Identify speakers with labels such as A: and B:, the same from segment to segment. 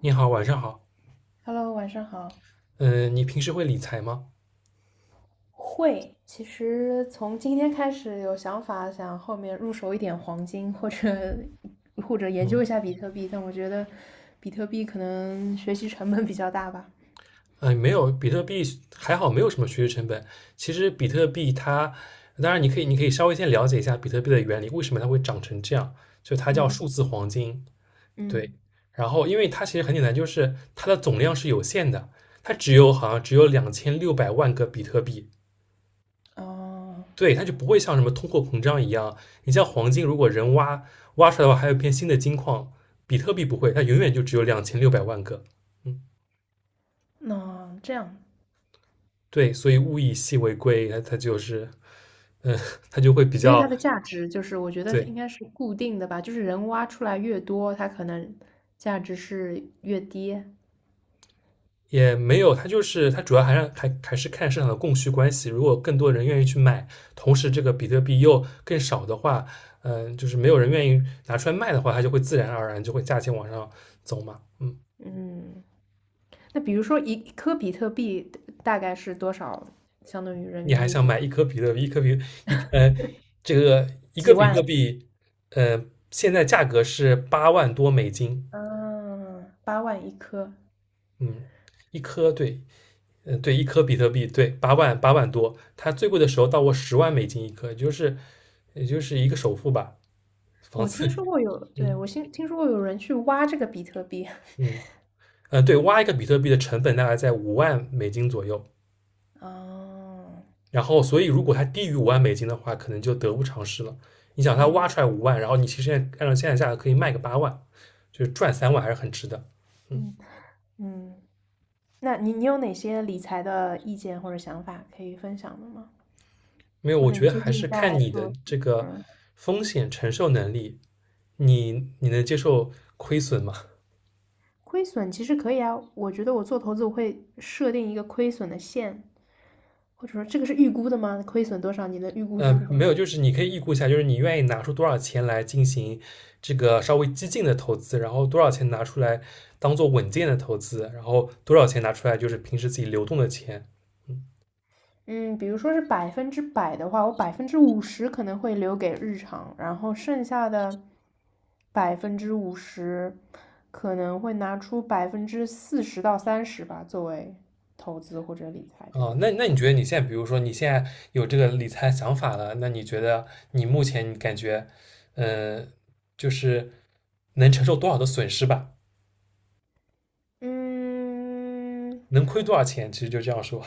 A: 你好，晚上好。
B: Hello，晚上好。
A: 嗯，你平时会理财吗？
B: 会，其实从今天开始有想法，想后面入手一点黄金，或者研
A: 嗯，
B: 究一下比特币，但我觉得比特币可能学习成本比较大吧。
A: 啊，没有，比特币还好，没有什么学习成本。其实比特币它，当然你可以稍微先了解一下比特币的原理，为什么它会长成这样？就它叫
B: 嗯
A: 数字黄金，对。
B: 嗯，
A: 然后，因为它其实很简单，就是它的总量是有限的，它只有好像只有2600万个比特币，
B: 哦，
A: 对，它就不会像什么通货膨胀一样。你像黄金，如果人挖挖出来的话，还有一片新的金矿，比特币不会，它永远就只有两千六百万个。嗯。
B: 那这样，
A: 对，所以物以稀为贵，它就是，嗯，它就会比
B: 所以
A: 较，
B: 它的价值就是，我觉得是
A: 对，
B: 应该是固定的吧，就是人挖出来越多，它可能价值是越低。
A: 也没有，它就是它主要还是看市场的供需关系。如果更多人愿意去买，同时这个比特币又更少的话，嗯，就是没有人愿意拿出来卖的话，它就会自然而然就会价钱往上走嘛。嗯，
B: 嗯，那比如说一颗比特币大概是多少，相当于人
A: 你
B: 民
A: 还
B: 币
A: 想
B: 或
A: 买
B: 者？
A: 一颗比特币，一颗比一呃，这个一
B: 几
A: 个比特
B: 万？
A: 币，呃，现在价格是8万多美金，
B: 嗯，八万一颗。
A: 嗯，一颗对。嗯，对，一颗比特币，对，八万多，它最贵的时候到过10万美金一颗，也就是一个首付吧，房
B: 我
A: 子，
B: 听说过有，对，
A: 嗯
B: 我听说过有人去挖这个比特币。
A: 嗯嗯，对，挖一个比特币的成本大概在五万美金左右，
B: 哦，
A: 然后所以如果它低于五万美金的话，可能就得不偿失了。你想它挖
B: 嗯
A: 出来五万，然后你其实按照现在价格可以卖个八万，就是赚3万还是很值的。嗯，
B: 嗯嗯，那你有哪些理财的意见或者想法可以分享的吗？
A: 没有，
B: 或
A: 我
B: 者你
A: 觉得
B: 最
A: 还是
B: 近
A: 看
B: 在
A: 你的
B: 做什么
A: 这个风险承受能力，你能接受亏损吗？
B: 亏损其实可以啊，我觉得我做投资我会设定一个亏损的线，或者说这个是预估的吗？亏损多少？你能预估出
A: 没
B: 吗？
A: 有，就是你可以预估一下，就是你愿意拿出多少钱来进行这个稍微激进的投资，然后多少钱拿出来当做稳健的投资，然后多少钱拿出来就是平时自己流动的钱。
B: 嗯，比如说是百分之百的话，我百分之五十可能会留给日常，然后剩下的百分之五十可能会拿出百分之四十到三十吧，作为投资或者理财这
A: 啊、
B: 种。
A: 那那你觉得你现在，比如说你现在有这个理财想法了，那你觉得你目前你感觉，呃，就是能承受多少的损失吧？
B: 嗯，
A: 能亏多少钱？其实就这样说。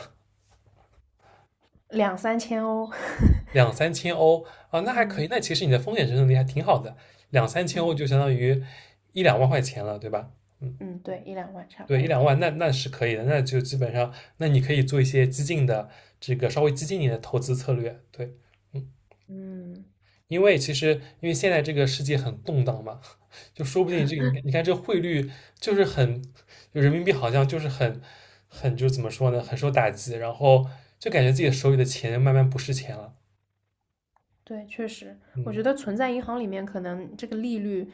B: 两三千哦。
A: 两三千欧啊，那还可
B: 嗯
A: 以。那其实你的风险承受能力还挺好的，两三千欧
B: 嗯
A: 就相当于一两万块钱了，对吧？嗯，
B: 嗯，对，一两万差不
A: 对，一
B: 多。
A: 两万，那是可以的。那就基本上，那你可以做一些激进的这个稍微激进一点的投资策略，对。嗯，
B: 嗯，
A: 因为其实，因为现在这个世界很动荡嘛，就说不定这个你看你看这汇率就是很，就人民币好像就是很就怎么说呢，很受打击，然后就感觉自己手里的钱慢慢不是钱了，
B: 对，确实，我觉
A: 嗯。
B: 得存在银行里面可能这个利率，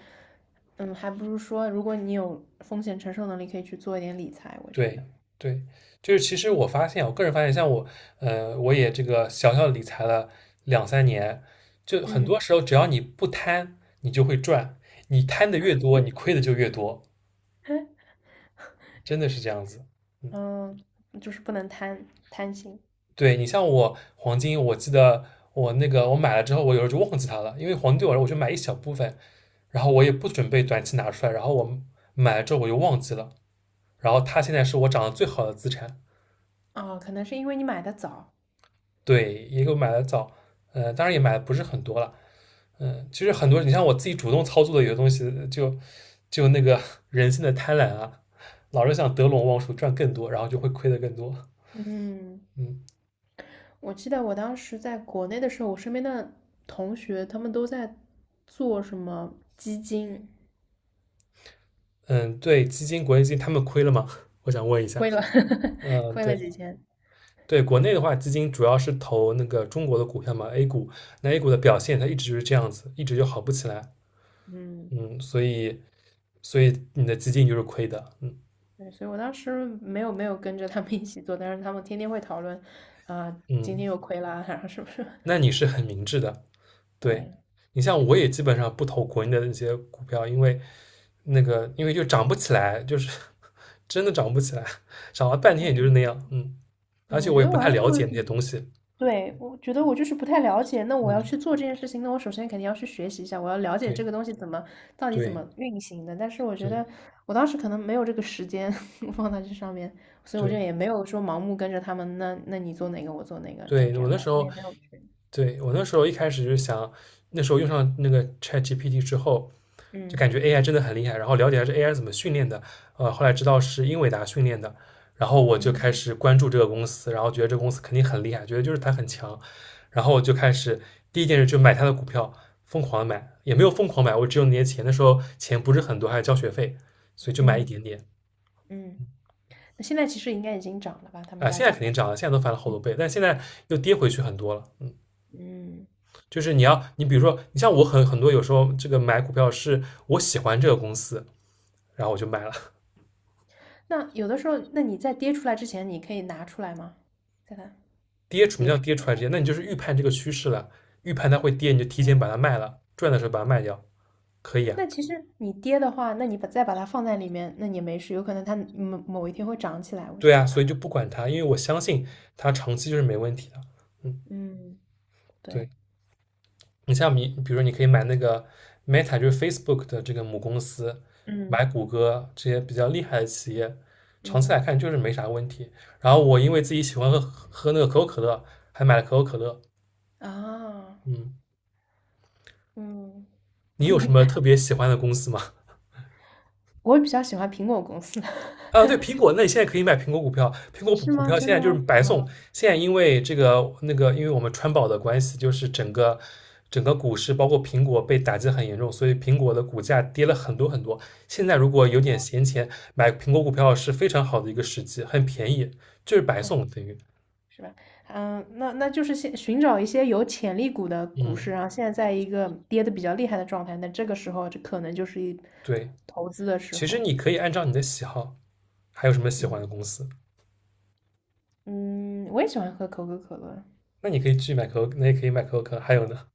B: 嗯，还不如说如果你有风险承受能力，可以去做一点理财，我觉得。
A: 对对，就是其实我发现，我个人发现，像我，我也这个小小理财了两三年，就很多
B: 嗯，
A: 时候只要你不贪，你就会赚，你贪的越多，你亏的就越多，真的是这样子。嗯，
B: 嗯，就是不能贪心。
A: 对你像我黄金，我记得我那个我买了之后，我有时候就忘记它了，因为黄金对我来说我就买一小部分，然后我也不准备短期拿出来，然后我买了之后我就忘记了，然后它现在是我涨得最好的资产，
B: 啊，可能是因为你买的早。
A: 对，也给我买的早，当然也买的不是很多了。其实很多，你像我自己主动操作的有些东西，就那个 人性的贪婪啊，老是想得陇望蜀赚更多，然后就会亏的更多。
B: 嗯，
A: 嗯
B: 我记得我当时在国内的时候，我身边的同学他们都在做什么基金，
A: 嗯，对，基金国内基金他们亏了吗？我想问一下。
B: 亏了
A: 嗯，
B: 亏
A: 对
B: 了几千。
A: 对，国内的话，基金主要是投那个中国的股票嘛，A 股，那 A 股的表现它一直就是这样子，一直就好不起来。
B: 嗯，
A: 嗯，所以你的基金就是亏的。嗯
B: 对，所以我当时没有跟着他们一起做，但是他们天天会讨论，啊、今天
A: 嗯，
B: 又亏了啊，然后是不是？
A: 那你是很明智的。对，
B: 对，
A: 你像我也基本上不投国内的那些股票，因为那个因为就涨不起来，就是 真的涨不起来，涨了半天
B: 我
A: 也
B: 觉
A: 就是
B: 得，
A: 那样，嗯，
B: 对，
A: 而且
B: 我
A: 我
B: 觉
A: 也
B: 得
A: 不
B: 我
A: 太
B: 要
A: 了
B: 做，
A: 解那些东西，
B: 对，我觉得我就是不太了解。那我要
A: 嗯，
B: 去做这件事情，那我首先肯定要去学习一下，我要了解这个
A: 对
B: 东西到底怎
A: 对
B: 么运行的。但是我觉
A: 对
B: 得我当时可能没有这个时间 放在这上面，所以我就
A: 对
B: 也没有说盲目跟着他们。那你做哪个，我做哪个，就
A: 对，
B: 这
A: 我
B: 样，
A: 那时
B: 我
A: 候
B: 也没有去。
A: 对，我那时候一开始就想，那时候用上那个 ChatGPT 之后，就
B: 嗯
A: 感觉 AI 真的很厉害，然后了解下这 AI 怎么训练的，后来知道是英伟达训练的，然后我就开
B: 嗯
A: 始关注这个公司，然后觉得这个公司肯定很厉害，觉得就是它很强，然后我就开始第一件事就买它的股票，疯狂地买，也没有疯狂买，我只有那些钱，那时候钱不是很多，还要交学费，所以就买一
B: 嗯
A: 点点。
B: 嗯。那现在其实应该已经涨了吧？他们
A: 啊、
B: 家
A: 现在
B: 股
A: 肯
B: 票。
A: 定涨了，现在都翻了好
B: 嗯
A: 多倍，但现在又跌回去很多了。嗯，
B: 嗯。
A: 就是你要，你比如说，你像我很多有时候这个买股票是我喜欢这个公司，然后我就买了，
B: 那有的时候，那你在跌出来之前，你可以拿出来吗？在它
A: 跌什么
B: 跌
A: 叫
B: 之
A: 跌出
B: 前。
A: 来之前，那你就是预判这个趋势了，预判它会跌，你就提前把它卖了，赚的时候把它卖掉，可以啊，
B: 那其实你跌的话，那你再把它放在里面，那你没事，有可能它某一天会涨起来。我觉
A: 对啊，
B: 得，
A: 所以就不管它，因为我相信它长期就是没问题的，嗯，
B: 嗯，对，
A: 对。你像你，比如说你可以买那个 Meta，就是 Facebook 的这个母公司，买
B: 嗯
A: 谷歌这些比较厉害的企业，长期
B: 嗯，
A: 来看就是没啥问题。然后我因为自己喜欢喝那个可口可乐，还买了可口可乐。
B: 啊，
A: 嗯，
B: 嗯，
A: 你有什么特别喜欢的公司吗？
B: 我比较喜欢苹果公司，
A: 啊，对，苹果，那你现在可以买苹果股票，苹果
B: 是
A: 股
B: 吗？
A: 票
B: 真
A: 现
B: 的
A: 在就是
B: 吗？
A: 白送，
B: 嗯
A: 现在因为这个那个，因为我们川宝的关系，就是整个股市包括苹果被打击很严重，所以苹果的股价跌了很多很多。现在如果有点闲钱买苹果股票是非常好的一个时机，很便宜，就是白
B: ，OK，
A: 送等于，
B: 是吧？嗯，那就是先寻找一些有潜力股的股市，
A: 嗯，
B: 然后现在在一个跌的比较厉害的状态，那这个时候就可能就是
A: 对，
B: 投资的时
A: 其实
B: 候。
A: 你可以按照你的喜好，还有什么喜
B: 嗯，
A: 欢的公司，
B: 嗯，我也喜欢喝可口可乐，
A: 那你可以去买可口，那也可以买可口可乐，还有呢？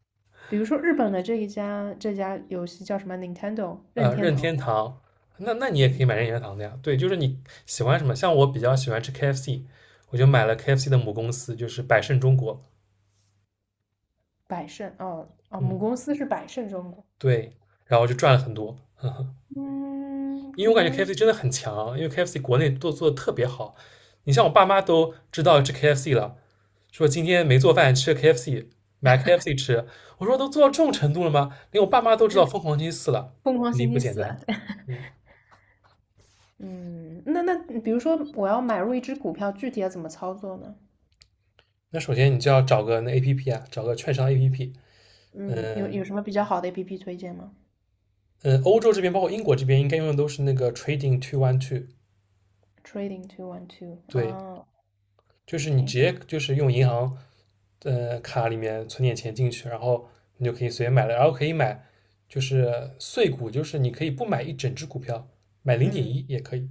B: 比如说日本的这家游戏叫什么？Nintendo 任天
A: 任
B: 堂，
A: 天堂，那你也可以
B: 嗯，
A: 买任天堂的呀。对，就是你喜欢什么，像我比较喜欢吃 KFC，我就买了 KFC 的母公司，就是百胜中国。
B: 百胜哦哦，母
A: 嗯，
B: 公司是百胜中国，
A: 对，然后就赚了很多，
B: 嗯，
A: 因
B: 可
A: 为我感觉
B: 能
A: KFC 真的很强，因为 KFC 国内都做的特别好。你像我爸妈都知道吃 KFC 了，说今天没做饭吃 KFC，买 KFC 吃。我说都做到这种程度了吗？连我爸妈都知道疯狂星期四了，
B: 疯狂
A: 肯
B: 星
A: 定不
B: 期
A: 简
B: 四啊，
A: 单。
B: 对，
A: 嗯，
B: 嗯，那比如说我要买入一只股票，具体要怎么操作呢？
A: 那首先你就要找个那 APP 啊，找个券商 APP。嗯、
B: 嗯，有
A: 呃
B: 有什么比较好的 APP 推荐吗
A: 嗯，欧洲这边包括英国这边应该用的都是那个 Trading 212，
B: ？Trading two one two
A: 对，
B: 啊
A: 就是你直
B: ，OK，
A: 接就是用银行卡里面存点钱进去，然后你就可以随便买了，然后可以买就是碎股，就是你可以不买一整只股票，买零点
B: 嗯
A: 一也可以，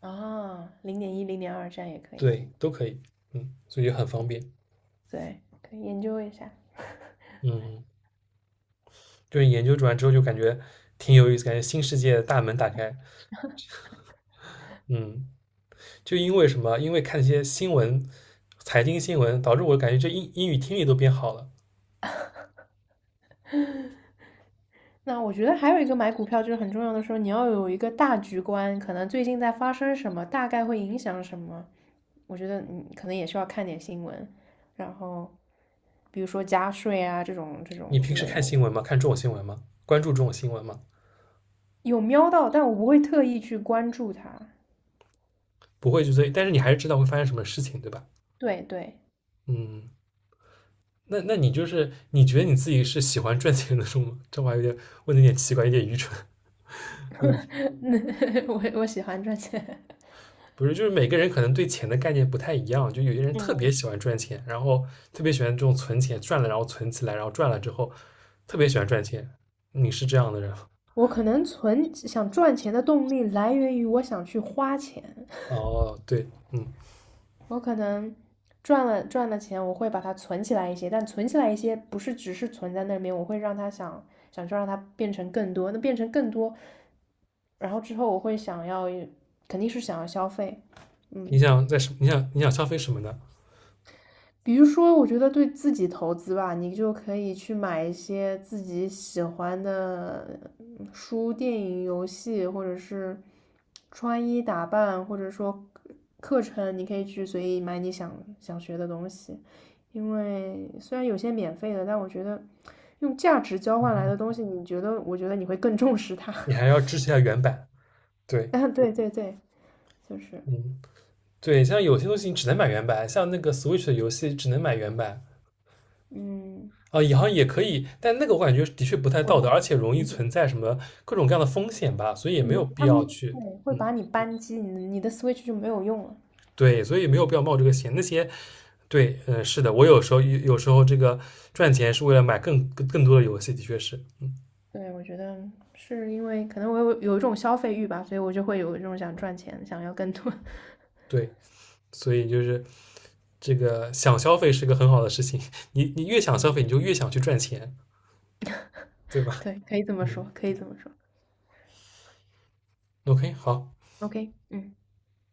B: 啊，零点一零点二这样也可以
A: 对，都可以，嗯，所以就很方
B: ，OK，
A: 便，
B: 对，可以研究一下。
A: 嗯，就是研究完之后就感觉挺有意思，感觉新世界的大门打开，嗯，就因为什么？因为看一些新闻，财经新闻，导致我感觉这英语听力都变好了。
B: 那我觉得还有一个买股票就是很重要的时候，你要有一个大局观，可能最近在发生什么，大概会影响什么。我觉得你可能也需要看点新闻，然后比如说加税啊这种这
A: 你
B: 种
A: 平
B: 之
A: 时
B: 类
A: 看
B: 的，
A: 新闻吗？看这种新闻吗？关注这种新闻吗？
B: 有瞄到，但我不会特意去关注它。
A: 不会，就追，但是你还是知道会发生什么事情，对吧？
B: 对对，
A: 嗯，那你就是你觉得你自己是喜欢赚钱的种吗？这话有点问的有点奇怪，有点愚蠢。
B: 那我喜欢赚钱。
A: 不是，就是每个人可能对钱的概念不太一样，就有些人特别
B: 嗯，
A: 喜欢赚钱，然后特别喜欢这种存钱，赚了然后存起来，然后赚了之后特别喜欢赚钱。你是这样的人。
B: 我可能存想赚钱的动力来源于我想去花钱。
A: 哦，对，嗯，
B: 我可能赚了钱，我会把它存起来一些，但存起来一些不是只是存在那边，我会让它想去让它变成更多，那变成更多，然后之后我会想要，肯定是想要消费，
A: 你
B: 嗯，
A: 想在什你想你想消费什么呢？
B: 比如说，我觉得对自己投资吧，你就可以去买一些自己喜欢的书、电影、游戏，或者是穿衣打扮，或者说课程，你可以去随意买你想学的东西。因为虽然有些免费的，但我觉得用价值交换来的东西，你觉得，我觉得你会更重视它。
A: 你还 要支持一下原版，对，
B: 啊，对对对，就是，
A: 嗯。对，像有些东西你只能买原版，像那个 Switch 的游戏只能买原版
B: 嗯，
A: 啊，也好像也可以，但那个我感觉的确不太
B: 我
A: 道
B: 觉
A: 德，
B: 得。
A: 而且容易存在什么各种各样的风险吧，所以也
B: 嗯，
A: 没有必
B: 他
A: 要
B: 们对
A: 去，
B: 会
A: 嗯，
B: 把你扳机，你的 Switch 就没有用了。
A: 对，所以没有必要冒这个险。那些对，嗯，是的，我有时候有时候这个赚钱是为了买更多的游戏，的确是，嗯
B: 对，我觉得是因为可能我有一种消费欲吧，所以我就会有一种想赚钱，想要更多。
A: 对，所以就是这个想消费是个很好的事情，你你越想消费，你
B: 嗯。
A: 就越想去赚钱，对吧？
B: 对，可以这么
A: 嗯
B: 说，可以这么说。
A: ，OK，好。
B: OK，嗯。